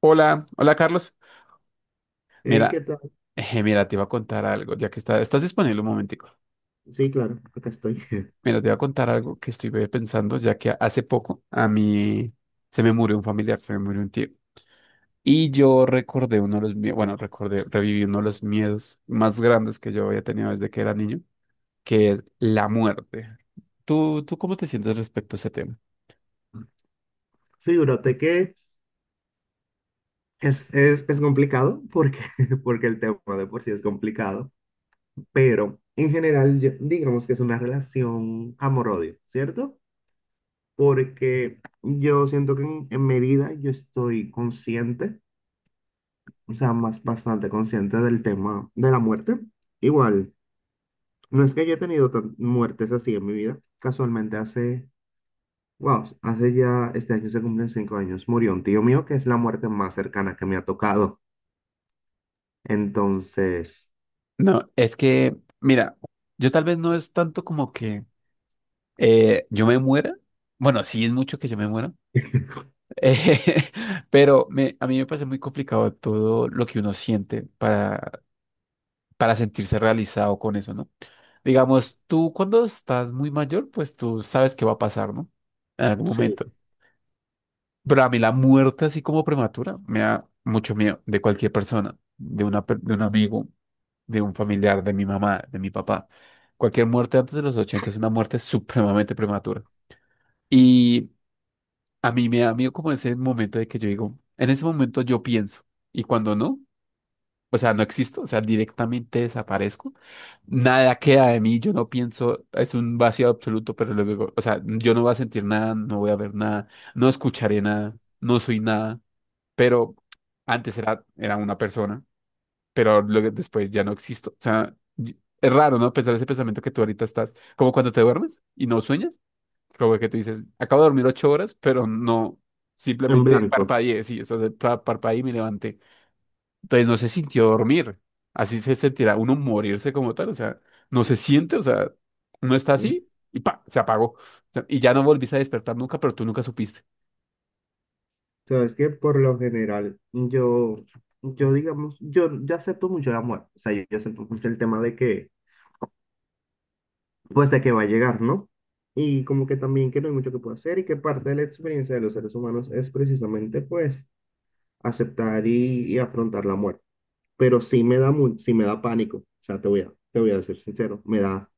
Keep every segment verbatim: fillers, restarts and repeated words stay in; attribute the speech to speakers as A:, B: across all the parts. A: Hola, hola Carlos.
B: Ey, ¿qué
A: Mira,
B: tal?
A: eh, mira, te iba a contar algo, ya que está, estás disponible un momentico.
B: Sí, claro, acá estoy.
A: Mira, te iba a contar algo que estuve pensando, ya que hace poco a mí se me murió un familiar, se me murió un tío. Y yo recordé uno de los miedos, bueno, recordé, reviví uno de los miedos más grandes que yo había tenido desde que era niño, que es la muerte. ¿Tú, tú cómo te sientes respecto a ese tema?
B: Sí, brote, que es, es, es complicado porque, porque el tema de por sí es complicado, pero en general yo- digamos que es una relación amor-odio, ¿cierto? Porque yo siento que en, en medida yo estoy consciente, o sea, más bastante consciente del tema de la muerte. Igual, no es que haya tenido tan- muertes así en mi vida, casualmente hace... Wow, hace ya, este año se cumplen cinco años. Murió un tío mío que es la muerte más cercana que me ha tocado. Entonces...
A: No, es que, mira, yo tal vez no es tanto como que eh, yo me muera. Bueno, sí es mucho que yo me muera, Eh, pero me- a mí me parece muy complicado todo lo que uno siente para, para sentirse realizado con eso, ¿no? Digamos, tú cuando estás muy mayor, pues tú sabes qué va a pasar, ¿no? En algún
B: Sí,
A: momento. Pero a mí la muerte así como prematura me da mucho miedo de cualquier persona, de una, per- de un amigo, de un familiar, de mi mamá, de mi papá. Cualquier muerte antes de los ochenta es una muerte supremamente prematura. A mí me da miedo como ese momento de que yo digo, en ese momento yo pienso, y cuando no, o sea, no existo, o sea, directamente desaparezco, nada queda de mí, yo no pienso, es un vacío absoluto, pero luego, o sea, yo no voy a sentir nada, no voy a ver nada, no escucharé nada, no soy nada, pero antes era, era una persona, pero luego después ya no existo, o sea, y- es raro, ¿no? Pensar ese pensamiento que tú ahorita estás, como cuando te duermes y no sueñas. Como que tú dices, acabo de dormir ocho horas, pero no,
B: en
A: simplemente
B: blanco.
A: parpadeé, sí, eso de pa- parpadeé y me levanté. Entonces no se sintió dormir, así se sentirá uno morirse como tal, o sea, no se siente, o sea, no está
B: ¿Eh?
A: así y pa, se apagó. O sea, y ya no volviste a despertar nunca, pero tú nunca supiste.
B: Sabes que por lo general, yo, yo digamos, yo, yo acepto mucho la muerte. O sea, yo, yo acepto mucho el tema de que, pues de que va a llegar, ¿no? Y como que también que no hay mucho que pueda hacer y que parte de la experiencia de los seres humanos es precisamente, pues, aceptar y, y afrontar la muerte. Pero sí me da, mu- sí me da pánico. O sea, te voy a, te voy a ser sincero, me da,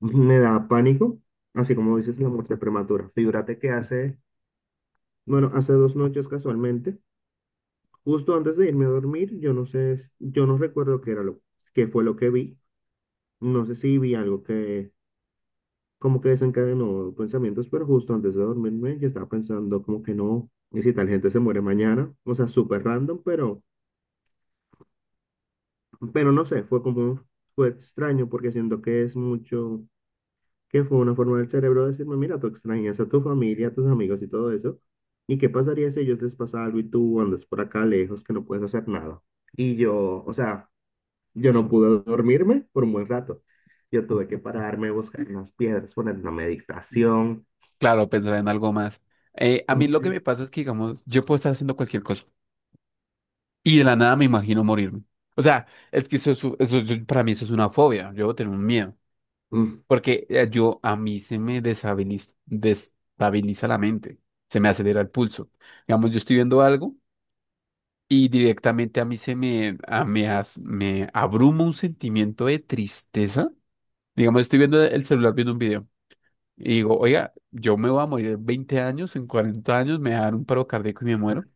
B: me da pánico, así como dices la muerte prematura. Figúrate que hace, bueno, hace dos noches casualmente, justo antes de irme a dormir, yo no sé, s- yo no recuerdo qué era lo, qué fue lo que vi. No sé si vi algo que como que desencadenó pensamientos, pero justo antes de dormirme yo estaba pensando como que no, y si tal gente se muere mañana, o sea, súper random, pero, pero no sé, fue como, fue extraño porque siento que es mucho, que fue una forma del cerebro de decirme, mira, tú extrañas a tu familia, a tus amigos y todo eso. ¿Y qué pasaría si a ellos les pasa algo y tú andas por acá lejos que no puedes hacer nada? Y yo, o sea, yo no pude dormirme por un buen rato. Yo tuve que pararme, buscar unas piedras, poner una meditación.
A: Claro, pensar en algo más. Eh, a mí lo que me
B: Sí,
A: pasa es que, digamos, yo puedo estar haciendo cualquier cosa y de la nada me imagino morirme. O sea, es que eso, es- eso- eso- para mí eso es una fobia, yo tengo un miedo.
B: mm,
A: Porque eh, yo, a mí se me deshabili- destabiliza la mente, se me acelera el pulso. Digamos, yo estoy viendo algo y directamente a mí se me, a- me, as- me abruma un sentimiento de tristeza. Digamos, estoy viendo el celular viendo un video. Y digo, oiga, yo me voy a morir en veinte años, en cuarenta años, me va a dar un paro cardíaco y me muero.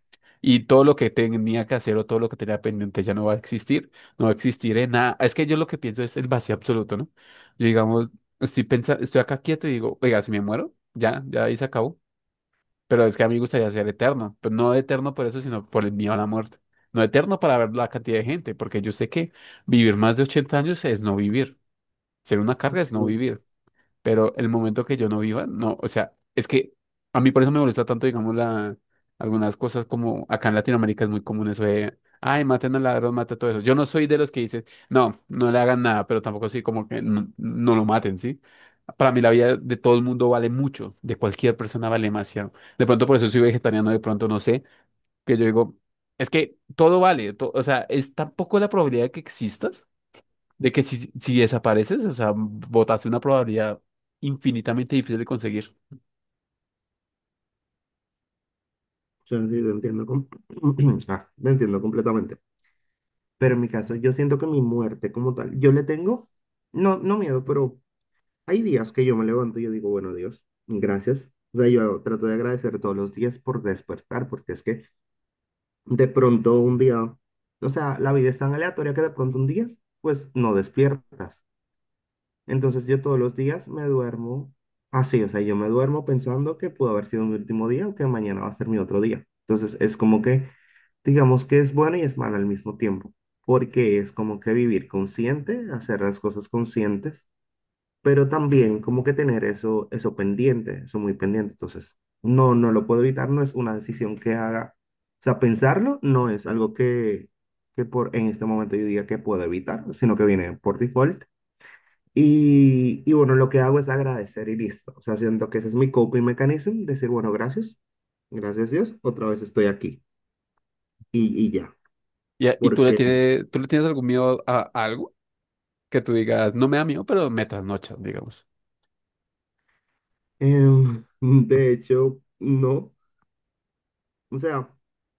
A: Y todo lo que tenía que hacer o todo lo que tenía pendiente ya no va a existir, no va a existir en nada. Es que yo lo que pienso es el vacío absoluto, ¿no? Yo, digamos, estoy pensando, estoy acá quieto y digo, oiga, si me muero, ya, ya ahí se acabó. Pero es que a mí me gustaría ser eterno, pero no eterno por eso, sino por el miedo a la muerte. No eterno para ver la cantidad de gente, porque yo sé que vivir más de ochenta años es no vivir. Ser una carga es no
B: sí,
A: vivir. Pero el momento que yo no viva, no, o sea, es que a mí por eso me molesta tanto, digamos, la, algunas cosas como acá en Latinoamérica es muy común eso de, ay, maten al ladrón, mata todo eso. Yo no soy de los que dicen, no, no le hagan nada, pero tampoco soy como que no, no lo maten, ¿sí? Para mí la vida de todo el mundo vale mucho, de cualquier persona vale demasiado. De pronto por eso soy vegetariano, de pronto no sé, que yo digo, es que todo vale, to- o sea, es tan poco la probabilidad de que existas de que si, si desapareces, o sea, botaste una probabilidad infinitamente difícil de conseguir.
B: sí, lo entiendo, com- ah, lo entiendo completamente. Pero en mi caso, yo siento que mi muerte como tal, yo le tengo, no, no miedo, pero... Hay días que yo me levanto y yo digo, bueno, Dios, gracias. O sea, yo trato de agradecer todos los días por despertar, porque es que de pronto un día, o sea, la vida es tan aleatoria que de pronto un día, pues no despiertas. Entonces yo todos los días me duermo así, o sea, yo me duermo pensando que pudo haber sido mi último día o que mañana va a ser mi otro día. Entonces es como que, digamos que es bueno y es malo al mismo tiempo, porque es como que vivir consciente, hacer las cosas conscientes, pero también como que tener eso, eso pendiente, eso muy pendiente. Entonces, no, no lo puedo evitar, no es una decisión que haga. O sea, pensarlo no es algo que, que por, en este momento yo diga que puedo evitar, sino que viene por default. Y, y bueno, lo que hago es agradecer y listo. O sea, siento que ese es mi coping mechanism, decir, bueno, gracias, gracias Dios, otra vez estoy aquí y, y ya.
A: Y, a- y tú le
B: Porque...
A: tienes, tú le tienes algún miedo a, a algo que tú digas, no me da miedo, pero me trasnocha, digamos.
B: em, de hecho, no. O sea,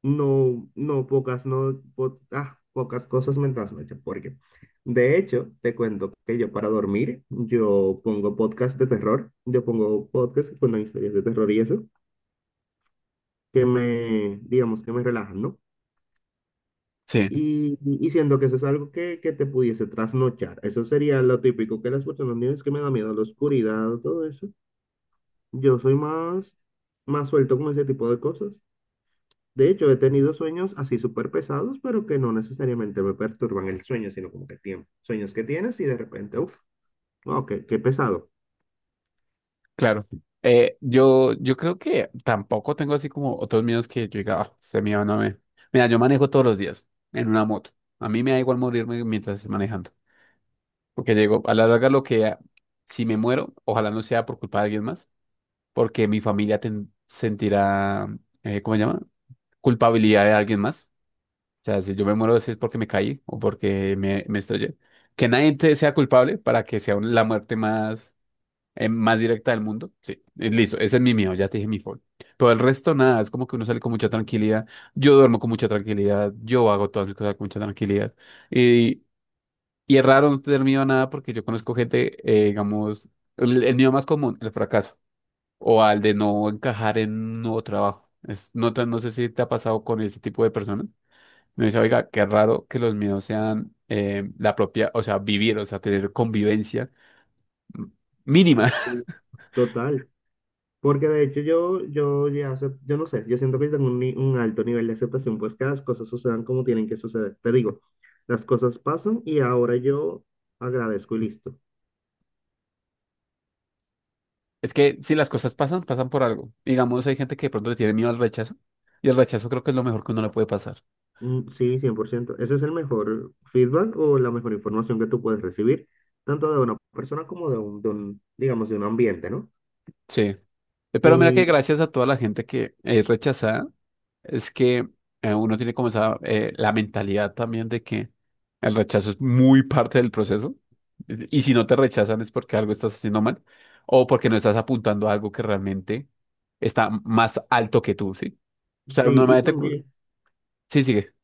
B: no, no, pocas, no, po- ah, pocas cosas me trasnochan, porque de hecho, te cuento que yo para dormir, yo pongo podcast de terror, yo pongo podcast con historias de terror y eso, que me, digamos, que me relajan, ¿no?
A: Sí,
B: Y, y siento que eso es algo que, que te pudiese trasnochar. Eso sería lo típico que las personas dicen, es que me da miedo la oscuridad, todo eso. Yo soy más, más suelto con ese tipo de cosas. De hecho, he tenido sueños así súper pesados, pero que no necesariamente me perturban el sueño, sino como que tiempo. Sueños que tienes y de repente, uff, wow, qué, qué pesado.
A: claro. Eh, yo, yo creo que tampoco tengo así como otros miedos que yo diga, ah, ese miedo no me. Mira, yo manejo todos los días en una moto. A mí me da igual morirme mientras esté manejando. Porque llego, a la larga lo que, si me muero, ojalá no sea por culpa de alguien más, porque mi familia ten- sentirá, eh, ¿cómo se llama? Culpabilidad de alguien más. O sea, si yo me muero, si es porque me caí o porque me, me estrellé. Que nadie te sea culpable para que sea un- la muerte más, eh, más directa del mundo. Sí, eh, listo, ese es mi miedo, ya te dije mi fobi. Todo el resto, nada, es como que uno sale con mucha tranquilidad. Yo duermo con mucha tranquilidad, yo hago todas mis cosas con mucha tranquilidad. Y, y es raro no tener miedo a nada porque yo conozco gente, eh, digamos, el, el miedo más común, el fracaso o al de no encajar en un nuevo trabajo. Es, no, te- no sé si te ha pasado con ese tipo de personas. Me dice, oiga, qué raro que los míos sean eh, la propia, o sea, vivir, o sea, tener convivencia mm, mínima.
B: Sí, total. Porque de hecho yo, yo ya sé, yo no sé, yo siento que tengo un, ni- un alto nivel de aceptación, pues que las cosas sucedan como tienen que suceder. Te digo, las cosas pasan y ahora yo agradezco y listo.
A: Es que si las cosas pasan, pasan por algo. Digamos, hay gente que de pronto le tiene miedo al rechazo, y el rechazo creo que es lo mejor que uno le puede pasar.
B: Mm, sí, cien por ciento Ese es el mejor feedback o la mejor información que tú puedes recibir, tanto de una persona como de un, de un digamos, de un ambiente, ¿no?
A: Sí. Eh, pero mira que
B: Y
A: gracias a toda la gente que es rechazada, es que eh, uno tiene como esa, eh, la mentalidad también de que el rechazo es muy parte del proceso. Y si no te rechazan es porque algo estás haciendo mal o porque no estás apuntando a algo que realmente está más alto que tú, ¿sí? O sea,
B: sí, y
A: normalmente... cu-
B: también,
A: Sí, sigue.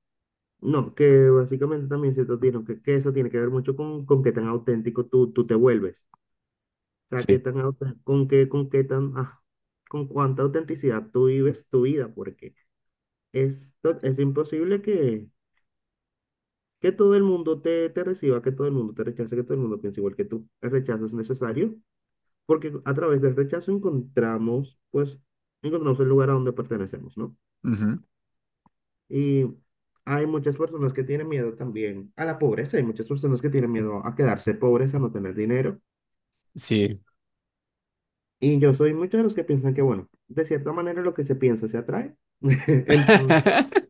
B: no, que básicamente también se tiene que, que eso tiene que ver mucho con, con qué tan auténtico tú, tú te vuelves. O sea, qué
A: Sí.
B: tan auten- con qué, con qué tan, ah, con cuánta autenticidad tú vives tu vida, porque es, to- es imposible que, que todo el mundo te, te reciba, que todo el mundo te rechace, que todo el mundo piense igual que tú. El rechazo es necesario, porque a través del rechazo encontramos, pues, encontramos el lugar a donde pertenecemos, ¿no?
A: Ujú.
B: Y hay muchas personas que tienen miedo también a la pobreza, hay muchas personas que tienen miedo a quedarse pobres, a no tener dinero.
A: Sí.
B: Y yo soy muchos de los que piensan que, bueno, de cierta manera lo que se piensa se atrae. Entonces,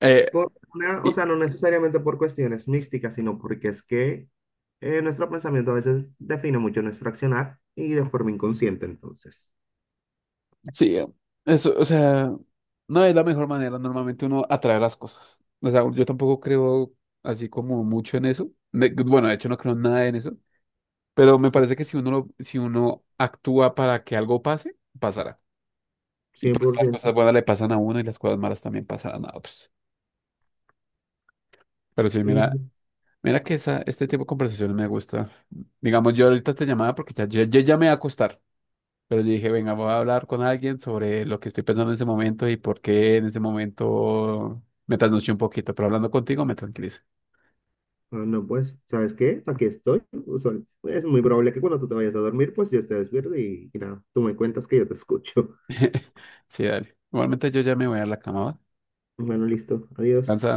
A: Eh,
B: por una, o
A: y-
B: sea, no necesariamente por cuestiones místicas, sino porque es que eh, nuestro pensamiento a veces define mucho nuestro accionar y de forma inconsciente, entonces.
A: sí, eso, o sea... No es la mejor manera normalmente uno atrae las cosas. O sea, yo tampoco creo así como mucho en eso. De- bueno, de hecho no creo nada en eso. Pero me parece que si uno, lo- si uno actúa para que algo pase, pasará. Y pues las
B: cien por ciento.
A: cosas buenas le pasan a uno y las cosas malas también pasarán a otros. Pero sí,
B: Y
A: mira, mira que esa, este tipo de conversaciones me gusta. Digamos, yo ahorita te llamaba porque ya, ya, ya ya me voy a acostar. Pero yo dije, venga, voy a hablar con alguien sobre lo que estoy pensando en ese momento y por qué en ese momento me trasnoché un poquito, pero hablando contigo me tranquiliza.
B: ah, no, pues, ¿sabes qué? Aquí estoy. Usual- Es muy probable que cuando tú te vayas a dormir, pues yo esté despierto y, y nada, tú me cuentas que yo te escucho.
A: Sí, dale. Igualmente yo ya me voy a la cama, ¿va?
B: Bueno, listo. Adiós.
A: Descansa.